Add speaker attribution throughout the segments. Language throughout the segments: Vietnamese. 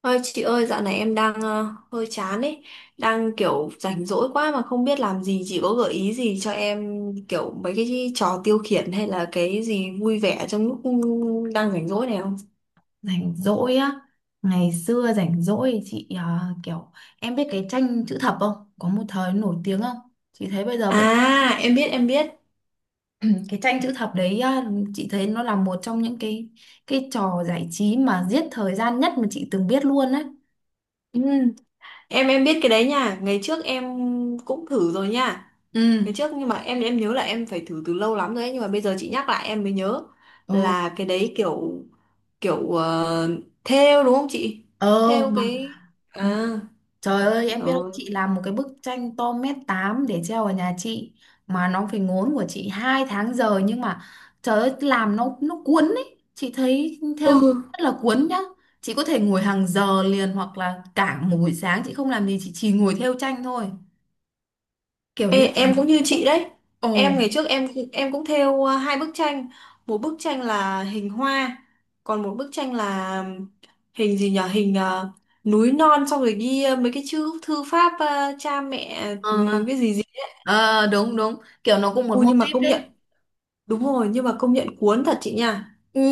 Speaker 1: Ơi chị ơi, dạo này em đang hơi chán ấy, đang kiểu rảnh rỗi quá mà không biết làm gì, chị có gợi ý gì cho em kiểu mấy cái trò tiêu khiển hay là cái gì vui vẻ trong lúc đang rảnh rỗi này không?
Speaker 2: Rảnh rỗi á? Ngày xưa rảnh rỗi chị à, kiểu em biết cái tranh chữ thập không? Có một thời nổi tiếng không? Chị thấy bây giờ vẫn.
Speaker 1: À, em biết.
Speaker 2: Cái tranh chữ thập đấy à, chị thấy nó là một trong những cái trò giải trí mà giết thời gian nhất mà chị từng biết luôn đấy.
Speaker 1: Ừ, em biết cái đấy nha, ngày trước em cũng thử rồi nha.
Speaker 2: Ừ.
Speaker 1: Ngày trước nhưng mà em nhớ là em phải thử từ lâu lắm rồi ấy, nhưng mà bây giờ chị nhắc lại em mới nhớ
Speaker 2: ờ
Speaker 1: là cái đấy kiểu kiểu ờ, thêu đúng không chị?
Speaker 2: ờ
Speaker 1: Thêu
Speaker 2: mà
Speaker 1: cái à.
Speaker 2: trời ơi,
Speaker 1: Ừ.
Speaker 2: em biết không, chị làm một cái bức tranh to mét 8 để treo ở nhà chị mà nó phải ngốn của chị 2 tháng giờ, nhưng mà trời ơi, làm nó cuốn ấy. Chị thấy
Speaker 1: Ừ,
Speaker 2: theo rất là cuốn nhá. Chị có thể ngồi hàng giờ liền hoặc là cả một buổi sáng chị không làm gì, chị chỉ ngồi theo tranh thôi. Kiểu như
Speaker 1: ê, em cũng như chị đấy.
Speaker 2: ồ.
Speaker 1: Em ngày trước em cũng thêu à, hai bức tranh, một bức tranh là hình hoa, còn một bức tranh là hình gì nhở. Hình à, núi non xong rồi ghi à, mấy cái chữ thư pháp à, cha mẹ
Speaker 2: ờ
Speaker 1: ừ, cái gì gì.
Speaker 2: ờ, đúng đúng, kiểu nó cũng một
Speaker 1: Ui
Speaker 2: mô
Speaker 1: nhưng mà
Speaker 2: típ
Speaker 1: công nhận,
Speaker 2: đấy.
Speaker 1: đúng rồi, nhưng mà công nhận cuốn thật chị nha.
Speaker 2: Ừ,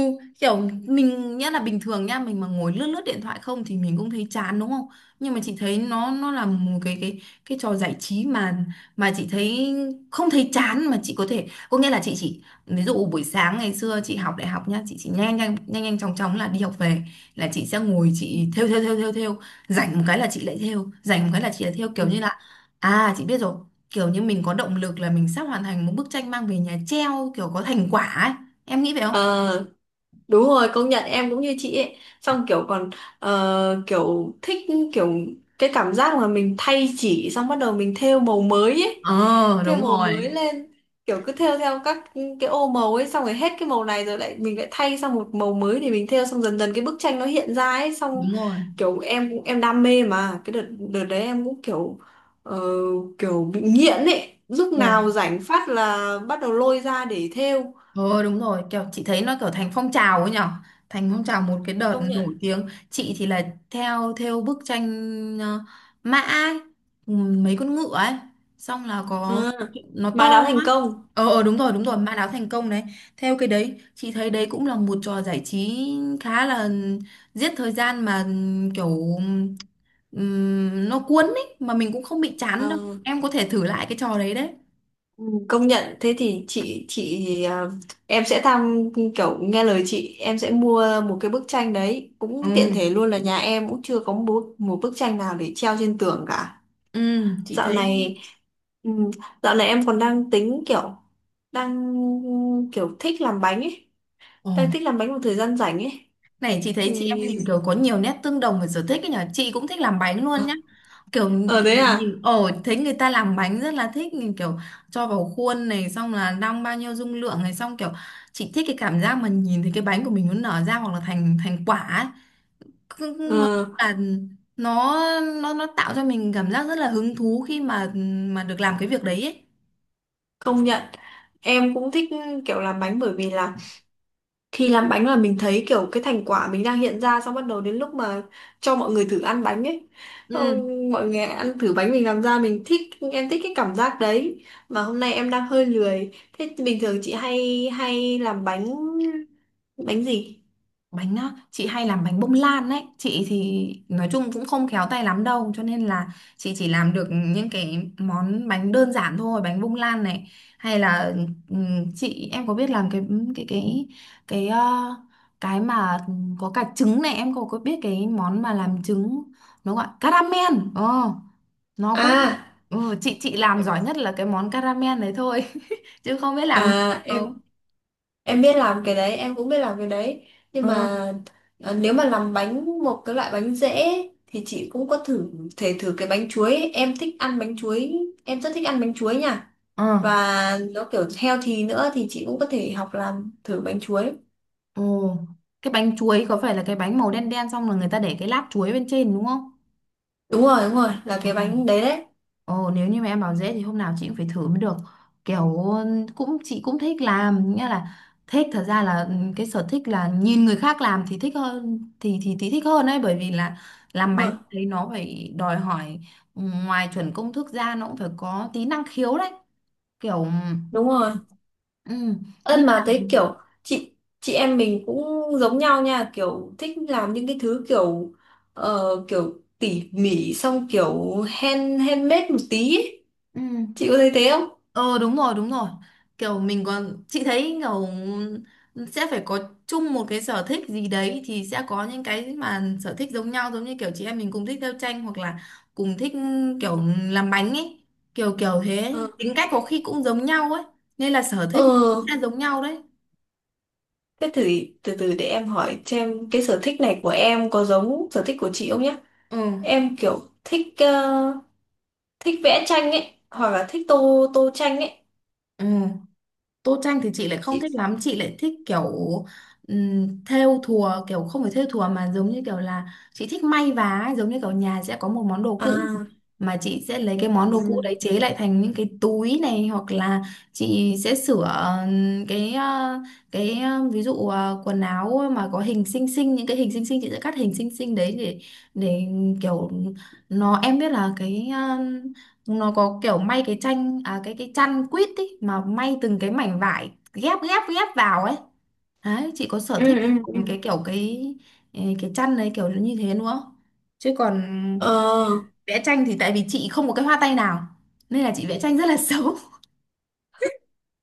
Speaker 2: kiểu mình nhá, là bình thường nhá, mình mà ngồi lướt lướt điện thoại không thì mình cũng thấy chán đúng không, nhưng mà chị thấy nó là một cái cái trò giải trí mà chị thấy không thấy chán, mà chị có thể, có nghĩa là chị chỉ, ví dụ buổi sáng ngày xưa chị học đại học nhá, chị chỉ nhanh nhanh nhanh nhanh chóng chóng là đi học về là chị sẽ ngồi chị thêu thêu thêu thêu thêu, rảnh một cái là chị lại thêu, rảnh một cái là chị lại thêu, kiểu như là à chị biết rồi, kiểu như mình có động lực là mình sắp hoàn thành một bức tranh mang về nhà treo, kiểu có thành quả ấy. Em nghĩ vậy không?
Speaker 1: Ừ. Đúng rồi, công nhận em cũng như chị ấy. Xong kiểu còn kiểu thích kiểu cái cảm giác mà mình thay chỉ xong bắt đầu mình thêu màu mới ấy.
Speaker 2: Ờ
Speaker 1: Thêu
Speaker 2: đúng
Speaker 1: màu
Speaker 2: rồi,
Speaker 1: mới lên kiểu cứ thêu theo các cái ô màu ấy xong rồi hết cái màu này rồi lại mình lại thay sang một màu mới để mình thêu xong dần dần cái bức tranh nó hiện ra ấy xong
Speaker 2: đúng rồi.
Speaker 1: kiểu em cũng em đam mê mà cái đợt đợt đấy em cũng kiểu ờ, kiểu bị nghiện ấy. Lúc nào
Speaker 2: Ừ.
Speaker 1: rảnh phát là bắt đầu lôi ra để thêu.
Speaker 2: Ờ đúng rồi, kiểu chị thấy nó kiểu thành phong trào ấy nhở. Thành phong trào một cái đợt
Speaker 1: Công
Speaker 2: nổi
Speaker 1: nhận.
Speaker 2: tiếng. Chị thì là theo theo bức tranh ờ, mã ấy, mấy con ngựa ấy. Xong là
Speaker 1: À,
Speaker 2: có nó
Speaker 1: mà đáo
Speaker 2: to
Speaker 1: thành
Speaker 2: á.
Speaker 1: công.
Speaker 2: Ờ ờ, đúng rồi, mã đáo thành công đấy. Theo cái đấy, chị thấy đấy cũng là một trò giải trí khá là giết thời gian mà kiểu, nó cuốn ấy, mà mình cũng không bị chán đâu.
Speaker 1: Ờ,
Speaker 2: Em có thể thử lại cái trò đấy đấy.
Speaker 1: ừ, công nhận thế thì chị à, em sẽ tham kiểu nghe lời chị em sẽ mua một cái bức tranh đấy cũng
Speaker 2: Ừ,
Speaker 1: tiện thể luôn là nhà em cũng chưa có một, một bức tranh nào để treo trên tường cả.
Speaker 2: ừ, chị
Speaker 1: Dạo
Speaker 2: thấy.
Speaker 1: này ừ, dạo này em còn đang tính kiểu đang kiểu thích làm bánh ấy
Speaker 2: Ồ,
Speaker 1: đang thích làm bánh một thời gian rảnh ấy.
Speaker 2: này chị thấy chị em
Speaker 1: Thì-
Speaker 2: mình kiểu có nhiều nét tương đồng về sở thích ấy nhỉ, chị cũng thích làm bánh luôn nhá. kiểu,
Speaker 1: ờ
Speaker 2: kiểu
Speaker 1: thế à.
Speaker 2: nhìn ồ thấy người ta làm bánh rất là thích, nhìn kiểu cho vào khuôn này xong là đong bao nhiêu dung lượng này, xong kiểu chị thích cái cảm giác mà nhìn thấy cái bánh của mình nó nở ra, hoặc là thành thành quả ấy. Cứ nói
Speaker 1: ờ,
Speaker 2: chung là nó nó tạo cho mình cảm giác rất là hứng thú khi mà được làm cái việc đấy ấy.
Speaker 1: Công nhận em cũng thích kiểu làm bánh bởi vì là thì làm bánh là mình thấy kiểu cái thành quả mình đang hiện ra xong bắt đầu đến lúc mà cho mọi người thử ăn bánh ấy.
Speaker 2: Ừ.
Speaker 1: Ôi, mọi người ăn thử bánh mình làm ra mình thích, em thích cái cảm giác đấy mà hôm nay em đang hơi lười. Thế bình thường chị hay hay làm bánh bánh gì?
Speaker 2: Bánh á, chị hay làm bánh bông lan đấy, chị thì nói chung cũng không khéo tay lắm đâu cho nên là chị chỉ làm được những cái món bánh đơn giản thôi, bánh bông lan này hay là chị, em có biết làm cái cái cái cái ờ, cái mà có cả trứng này, em có biết cái món mà làm trứng, nó gọi caramel nó cũng
Speaker 1: À
Speaker 2: chị làm giỏi nhất là cái món caramel đấy thôi chứ không biết làm nhiều
Speaker 1: à
Speaker 2: đâu.
Speaker 1: em biết làm cái đấy, em cũng biết làm cái đấy. Nhưng mà
Speaker 2: Ờ.
Speaker 1: nếu mà làm bánh một cái loại bánh dễ ấy, thì chị cũng có thử thể thử cái bánh chuối ấy. Em thích ăn bánh chuối, em rất thích ăn bánh chuối nha.
Speaker 2: Ờ.
Speaker 1: Và nó kiểu healthy nữa thì chị cũng có thể học làm thử bánh chuối.
Speaker 2: Ồ, cái bánh chuối có phải là cái bánh màu đen đen xong rồi người ta để cái lát chuối bên trên đúng không?
Speaker 1: Đúng rồi đúng rồi là
Speaker 2: Ừ.
Speaker 1: cái bánh đấy đấy.
Speaker 2: Ồ, nếu như mà em bảo dễ thì hôm nào chị cũng phải thử mới được. Kiểu cũng chị cũng thích làm, nghĩa là thích, thật ra là cái sở thích là nhìn người khác làm thì thích hơn, thì thích hơn ấy, bởi vì là làm
Speaker 1: Đúng
Speaker 2: bánh
Speaker 1: rồi
Speaker 2: thấy nó phải đòi hỏi, ngoài chuẩn công thức ra nó cũng phải có tí năng khiếu đấy. Kiểu,
Speaker 1: đúng rồi
Speaker 2: ừ, nhưng
Speaker 1: ân mà
Speaker 2: mà-
Speaker 1: thấy kiểu chị chị em mình cũng giống nhau nha kiểu thích làm những cái thứ kiểu ờ, kiểu tỉ mỉ xong kiểu handmade một tí ấy.
Speaker 2: ừ.
Speaker 1: Chị có thấy thế không?
Speaker 2: Ờ đúng rồi đúng rồi, kiểu mình còn chị thấy kiểu sẽ phải có chung một cái sở thích gì đấy thì sẽ có những cái mà sở thích giống nhau, giống như kiểu chị em mình cùng thích theo tranh hoặc là cùng thích kiểu làm bánh ấy, kiểu kiểu thế
Speaker 1: Ờ
Speaker 2: tính cách có khi cũng giống nhau ấy, nên là sở thích
Speaker 1: ờ
Speaker 2: cũng sẽ giống nhau đấy.
Speaker 1: thế thử từ từ để em hỏi xem cái sở thích này của em có giống sở thích của chị không nhé.
Speaker 2: Ừ,
Speaker 1: Em kiểu thích thích vẽ tranh ấy hoặc là thích tô tô tranh ấy
Speaker 2: ừ. Tô tranh thì chị lại không
Speaker 1: chị
Speaker 2: thích lắm, chị lại thích kiểu thêu thùa, kiểu không phải thêu thùa mà giống như kiểu là chị thích may vá ấy, giống như kiểu nhà sẽ có một món đồ cũ
Speaker 1: à.
Speaker 2: mà chị sẽ lấy cái món
Speaker 1: Ừ
Speaker 2: đồ cũ đấy chế lại thành những cái túi này, hoặc là chị sẽ sửa ừm, cái ờ, ví dụ quần áo mà có hình xinh xinh, những cái hình xinh xinh chị sẽ cắt hình xinh xinh đấy để để kiểu nó, em biết là cái nó có kiểu may cái tranh à, cái chăn quýt ý, mà may từng cái mảnh vải ghép ghép ghép vào ấy. Đấy, chị có sở
Speaker 1: ừ
Speaker 2: thích
Speaker 1: ừ. Ừ.
Speaker 2: làm cái kiểu cái cái chăn đấy kiểu như thế nữa, chứ còn
Speaker 1: ờ
Speaker 2: vẽ tranh thì tại vì chị không có cái hoa tay nào nên là chị vẽ tranh rất là xấu.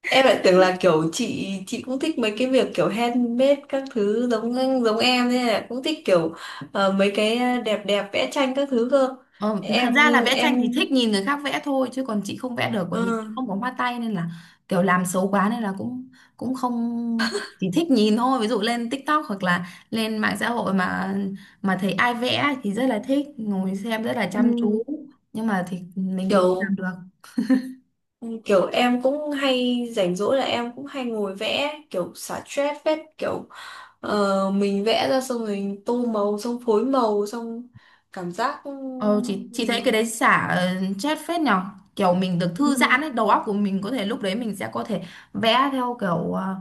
Speaker 1: em lại tưởng là kiểu chị cũng thích mấy cái việc kiểu handmade các thứ giống giống em nên là cũng thích kiểu mấy cái đẹp đẹp vẽ tranh các thứ cơ.
Speaker 2: Ờ, thật
Speaker 1: em
Speaker 2: ra là vẽ tranh
Speaker 1: em
Speaker 2: thì thích nhìn người khác vẽ thôi, chứ còn chị không vẽ được bởi vì
Speaker 1: ờ,
Speaker 2: chị không có hoa tay nên là kiểu làm xấu quá nên là cũng cũng không, chỉ thích nhìn thôi. Ví dụ lên TikTok hoặc là lên mạng xã hội mà thấy ai vẽ thì rất là thích ngồi xem rất là chăm
Speaker 1: ừ.
Speaker 2: chú, nhưng mà thì mình thì không làm
Speaker 1: Kiểu
Speaker 2: được.
Speaker 1: ừ, kiểu em cũng hay rảnh rỗi là em cũng hay ngồi vẽ kiểu xả stress phết kiểu ờ, mình vẽ ra xong rồi tô màu xong phối màu xong cảm giác
Speaker 2: Ờ, chị thấy cái
Speaker 1: mình
Speaker 2: đấy xả chết phết nhở, kiểu mình được thư giãn
Speaker 1: ừ.
Speaker 2: ấy, đầu óc của mình có thể lúc đấy mình sẽ có thể vẽ theo kiểu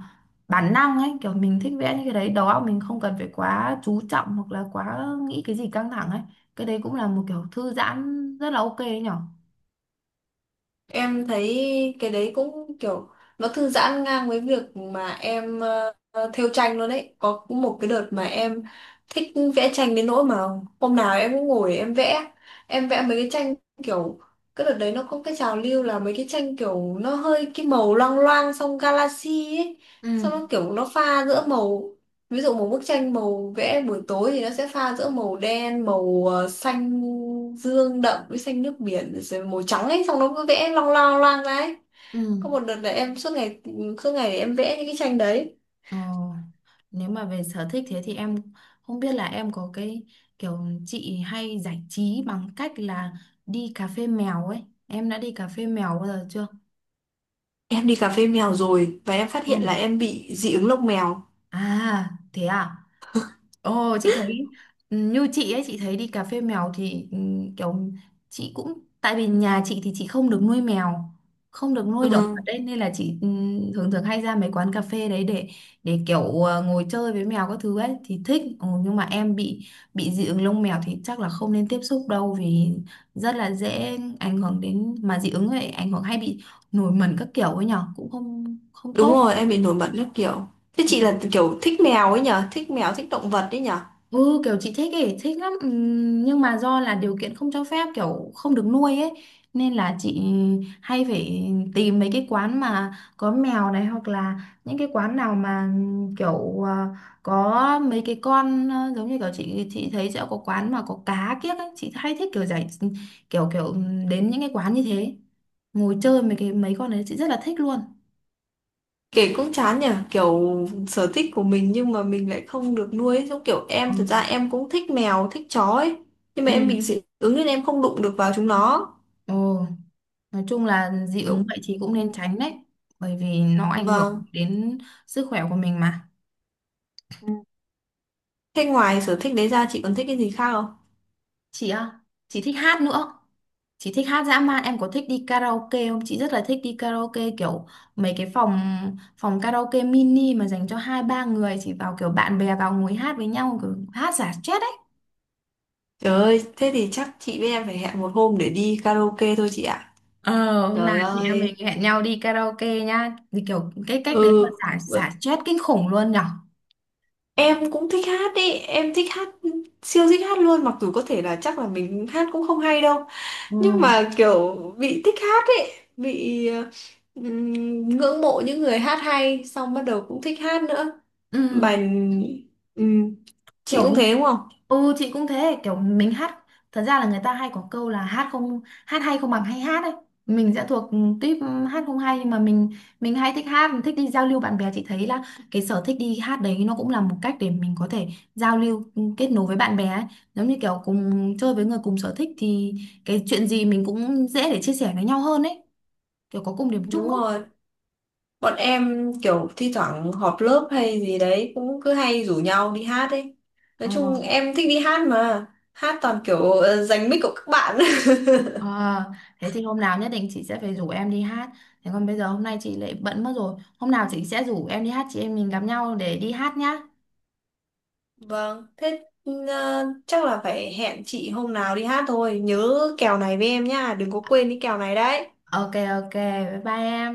Speaker 2: bản năng ấy, kiểu mình thích vẽ như cái đấy, đầu óc mình không cần phải quá chú trọng hoặc là quá nghĩ cái gì căng thẳng ấy. Cái đấy cũng là một kiểu thư giãn rất là ok ấy nhở.
Speaker 1: Em thấy cái đấy cũng kiểu nó thư giãn ngang với việc mà em thêu tranh luôn đấy. Có một cái đợt mà em thích vẽ tranh đến nỗi mà hôm nào em cũng ngồi em vẽ. Em vẽ mấy cái tranh kiểu cái đợt đấy nó có cái trào lưu là mấy cái tranh kiểu nó hơi cái màu loang loang xong galaxy ấy.
Speaker 2: Ừ,
Speaker 1: Xong nó kiểu nó pha giữa màu ví dụ một bức tranh màu vẽ buổi tối thì nó sẽ pha giữa màu đen màu xanh dương đậm với xanh nước biển rồi màu trắng ấy xong nó cứ vẽ long loang loang ra ấy.
Speaker 2: ừ.
Speaker 1: Có một đợt là em suốt ngày em vẽ những cái tranh đấy.
Speaker 2: Ờ, nếu mà về sở thích thế thì em, không biết là em có cái kiểu chị hay giải trí bằng cách là đi cà phê mèo ấy, em đã đi cà phê mèo bao giờ chưa?
Speaker 1: Em đi cà phê mèo rồi và em phát
Speaker 2: Ừ.
Speaker 1: hiện là em bị dị ứng lông mèo.
Speaker 2: À, thế à? Ồ, chị thấy như chị ấy, chị thấy đi cà phê mèo thì kiểu chị cũng, tại vì nhà chị thì chị không được nuôi mèo, không được
Speaker 1: Ừ
Speaker 2: nuôi động vật đấy nên là chị thường thường hay ra mấy quán cà phê đấy để kiểu ngồi chơi với mèo các thứ ấy thì thích. Ồ, nhưng mà em bị dị ứng lông mèo thì chắc là không nên tiếp xúc đâu vì rất là dễ ảnh hưởng đến, mà dị ứng ấy ảnh hưởng hay bị nổi mẩn các kiểu ấy nhở, cũng không không
Speaker 1: đúng
Speaker 2: tốt.
Speaker 1: rồi em bị nổi mẩn các kiểu. Thế chị là kiểu thích mèo ấy nhở, thích mèo thích động vật ấy nhở.
Speaker 2: Ừ kiểu chị thích ấy, thích lắm. Nhưng mà do là điều kiện không cho phép, kiểu không được nuôi ấy, nên là chị hay phải tìm mấy cái quán mà có mèo này, hoặc là những cái quán nào mà kiểu à, có mấy cái con à, giống như kiểu chị thấy sẽ có quán mà có cá kiếc ấy. Chị hay thích kiểu giải kiểu kiểu đến những cái quán như thế, ngồi chơi mấy cái mấy con đấy chị rất là thích luôn.
Speaker 1: Kể cũng chán nhỉ, kiểu sở thích của mình nhưng mà mình lại không được nuôi ấy. Giống kiểu em thật ra
Speaker 2: Ừ.
Speaker 1: em cũng thích mèo, thích chó ấy. Nhưng mà
Speaker 2: Ừ.
Speaker 1: em bị dị ứng nên em không đụng được vào chúng nó.
Speaker 2: Ừ. Nói chung là dị ứng
Speaker 1: Kiểu.
Speaker 2: vậy thì cũng
Speaker 1: Ừ.
Speaker 2: nên tránh đấy, bởi vì nó ảnh hưởng
Speaker 1: Vâng.
Speaker 2: đến sức khỏe của mình mà.
Speaker 1: Ừ. Thế ngoài sở thích đấy ra chị còn thích cái gì khác không?
Speaker 2: Chị á, chị thích hát nữa. Chị thích hát dã man, em có thích đi karaoke không? Chị rất là thích đi karaoke kiểu mấy cái phòng phòng karaoke mini mà dành cho hai ba người, chị vào kiểu bạn bè vào ngồi hát với nhau kiểu hát xả stress ấy.
Speaker 1: Trời ơi, thế thì chắc chị với em phải hẹn một hôm để đi karaoke thôi chị ạ.
Speaker 2: Ờ, hôm nào
Speaker 1: Trời
Speaker 2: chị em mình
Speaker 1: ơi.
Speaker 2: hẹn nhau đi karaoke nhá. Thì kiểu cái cách đấy mà
Speaker 1: Ừ,
Speaker 2: xả xả stress kinh khủng luôn nhở.
Speaker 1: em cũng thích hát ý, em thích hát siêu thích hát luôn mặc dù có thể là chắc là mình hát cũng không hay đâu
Speaker 2: Ừ.
Speaker 1: nhưng mà kiểu bị thích hát ấy bị ngưỡng mộ những người hát hay xong bắt đầu cũng thích hát nữa
Speaker 2: Ừ,
Speaker 1: bài ừm, chị
Speaker 2: kiểu
Speaker 1: cũng
Speaker 2: như.
Speaker 1: thế đúng không?
Speaker 2: Ừ chị cũng thế, kiểu mình hát, thật ra là người ta hay có câu là hát hay không bằng hay hát ấy, mình sẽ thuộc tuýp hát không hay, nhưng mà mình hay thích hát, thích đi giao lưu bạn bè, chị thấy là cái sở thích đi hát đấy nó cũng là một cách để mình có thể giao lưu kết nối với bạn bè ấy, giống như kiểu cùng chơi với người cùng sở thích thì cái chuyện gì mình cũng dễ để chia sẻ với nhau hơn ấy, kiểu có cùng điểm chung
Speaker 1: Đúng
Speaker 2: ấy.
Speaker 1: rồi bọn em kiểu thi thoảng họp lớp hay gì đấy cũng cứ hay rủ nhau đi hát ấy, nói
Speaker 2: Ờ.
Speaker 1: chung em thích đi hát mà hát toàn kiểu giành mic của các bạn
Speaker 2: Ờ, thế thì hôm nào nhất định chị sẽ phải rủ em đi hát. Thế còn bây giờ hôm nay chị lại bận mất rồi. Hôm nào chị sẽ rủ em đi hát, chị em mình gặp nhau để đi hát nhá.
Speaker 1: Vâng, thế chắc là phải hẹn chị hôm nào đi hát thôi. Nhớ kèo này với em nhá, đừng có quên cái kèo này đấy.
Speaker 2: Ok ok, bye bye em.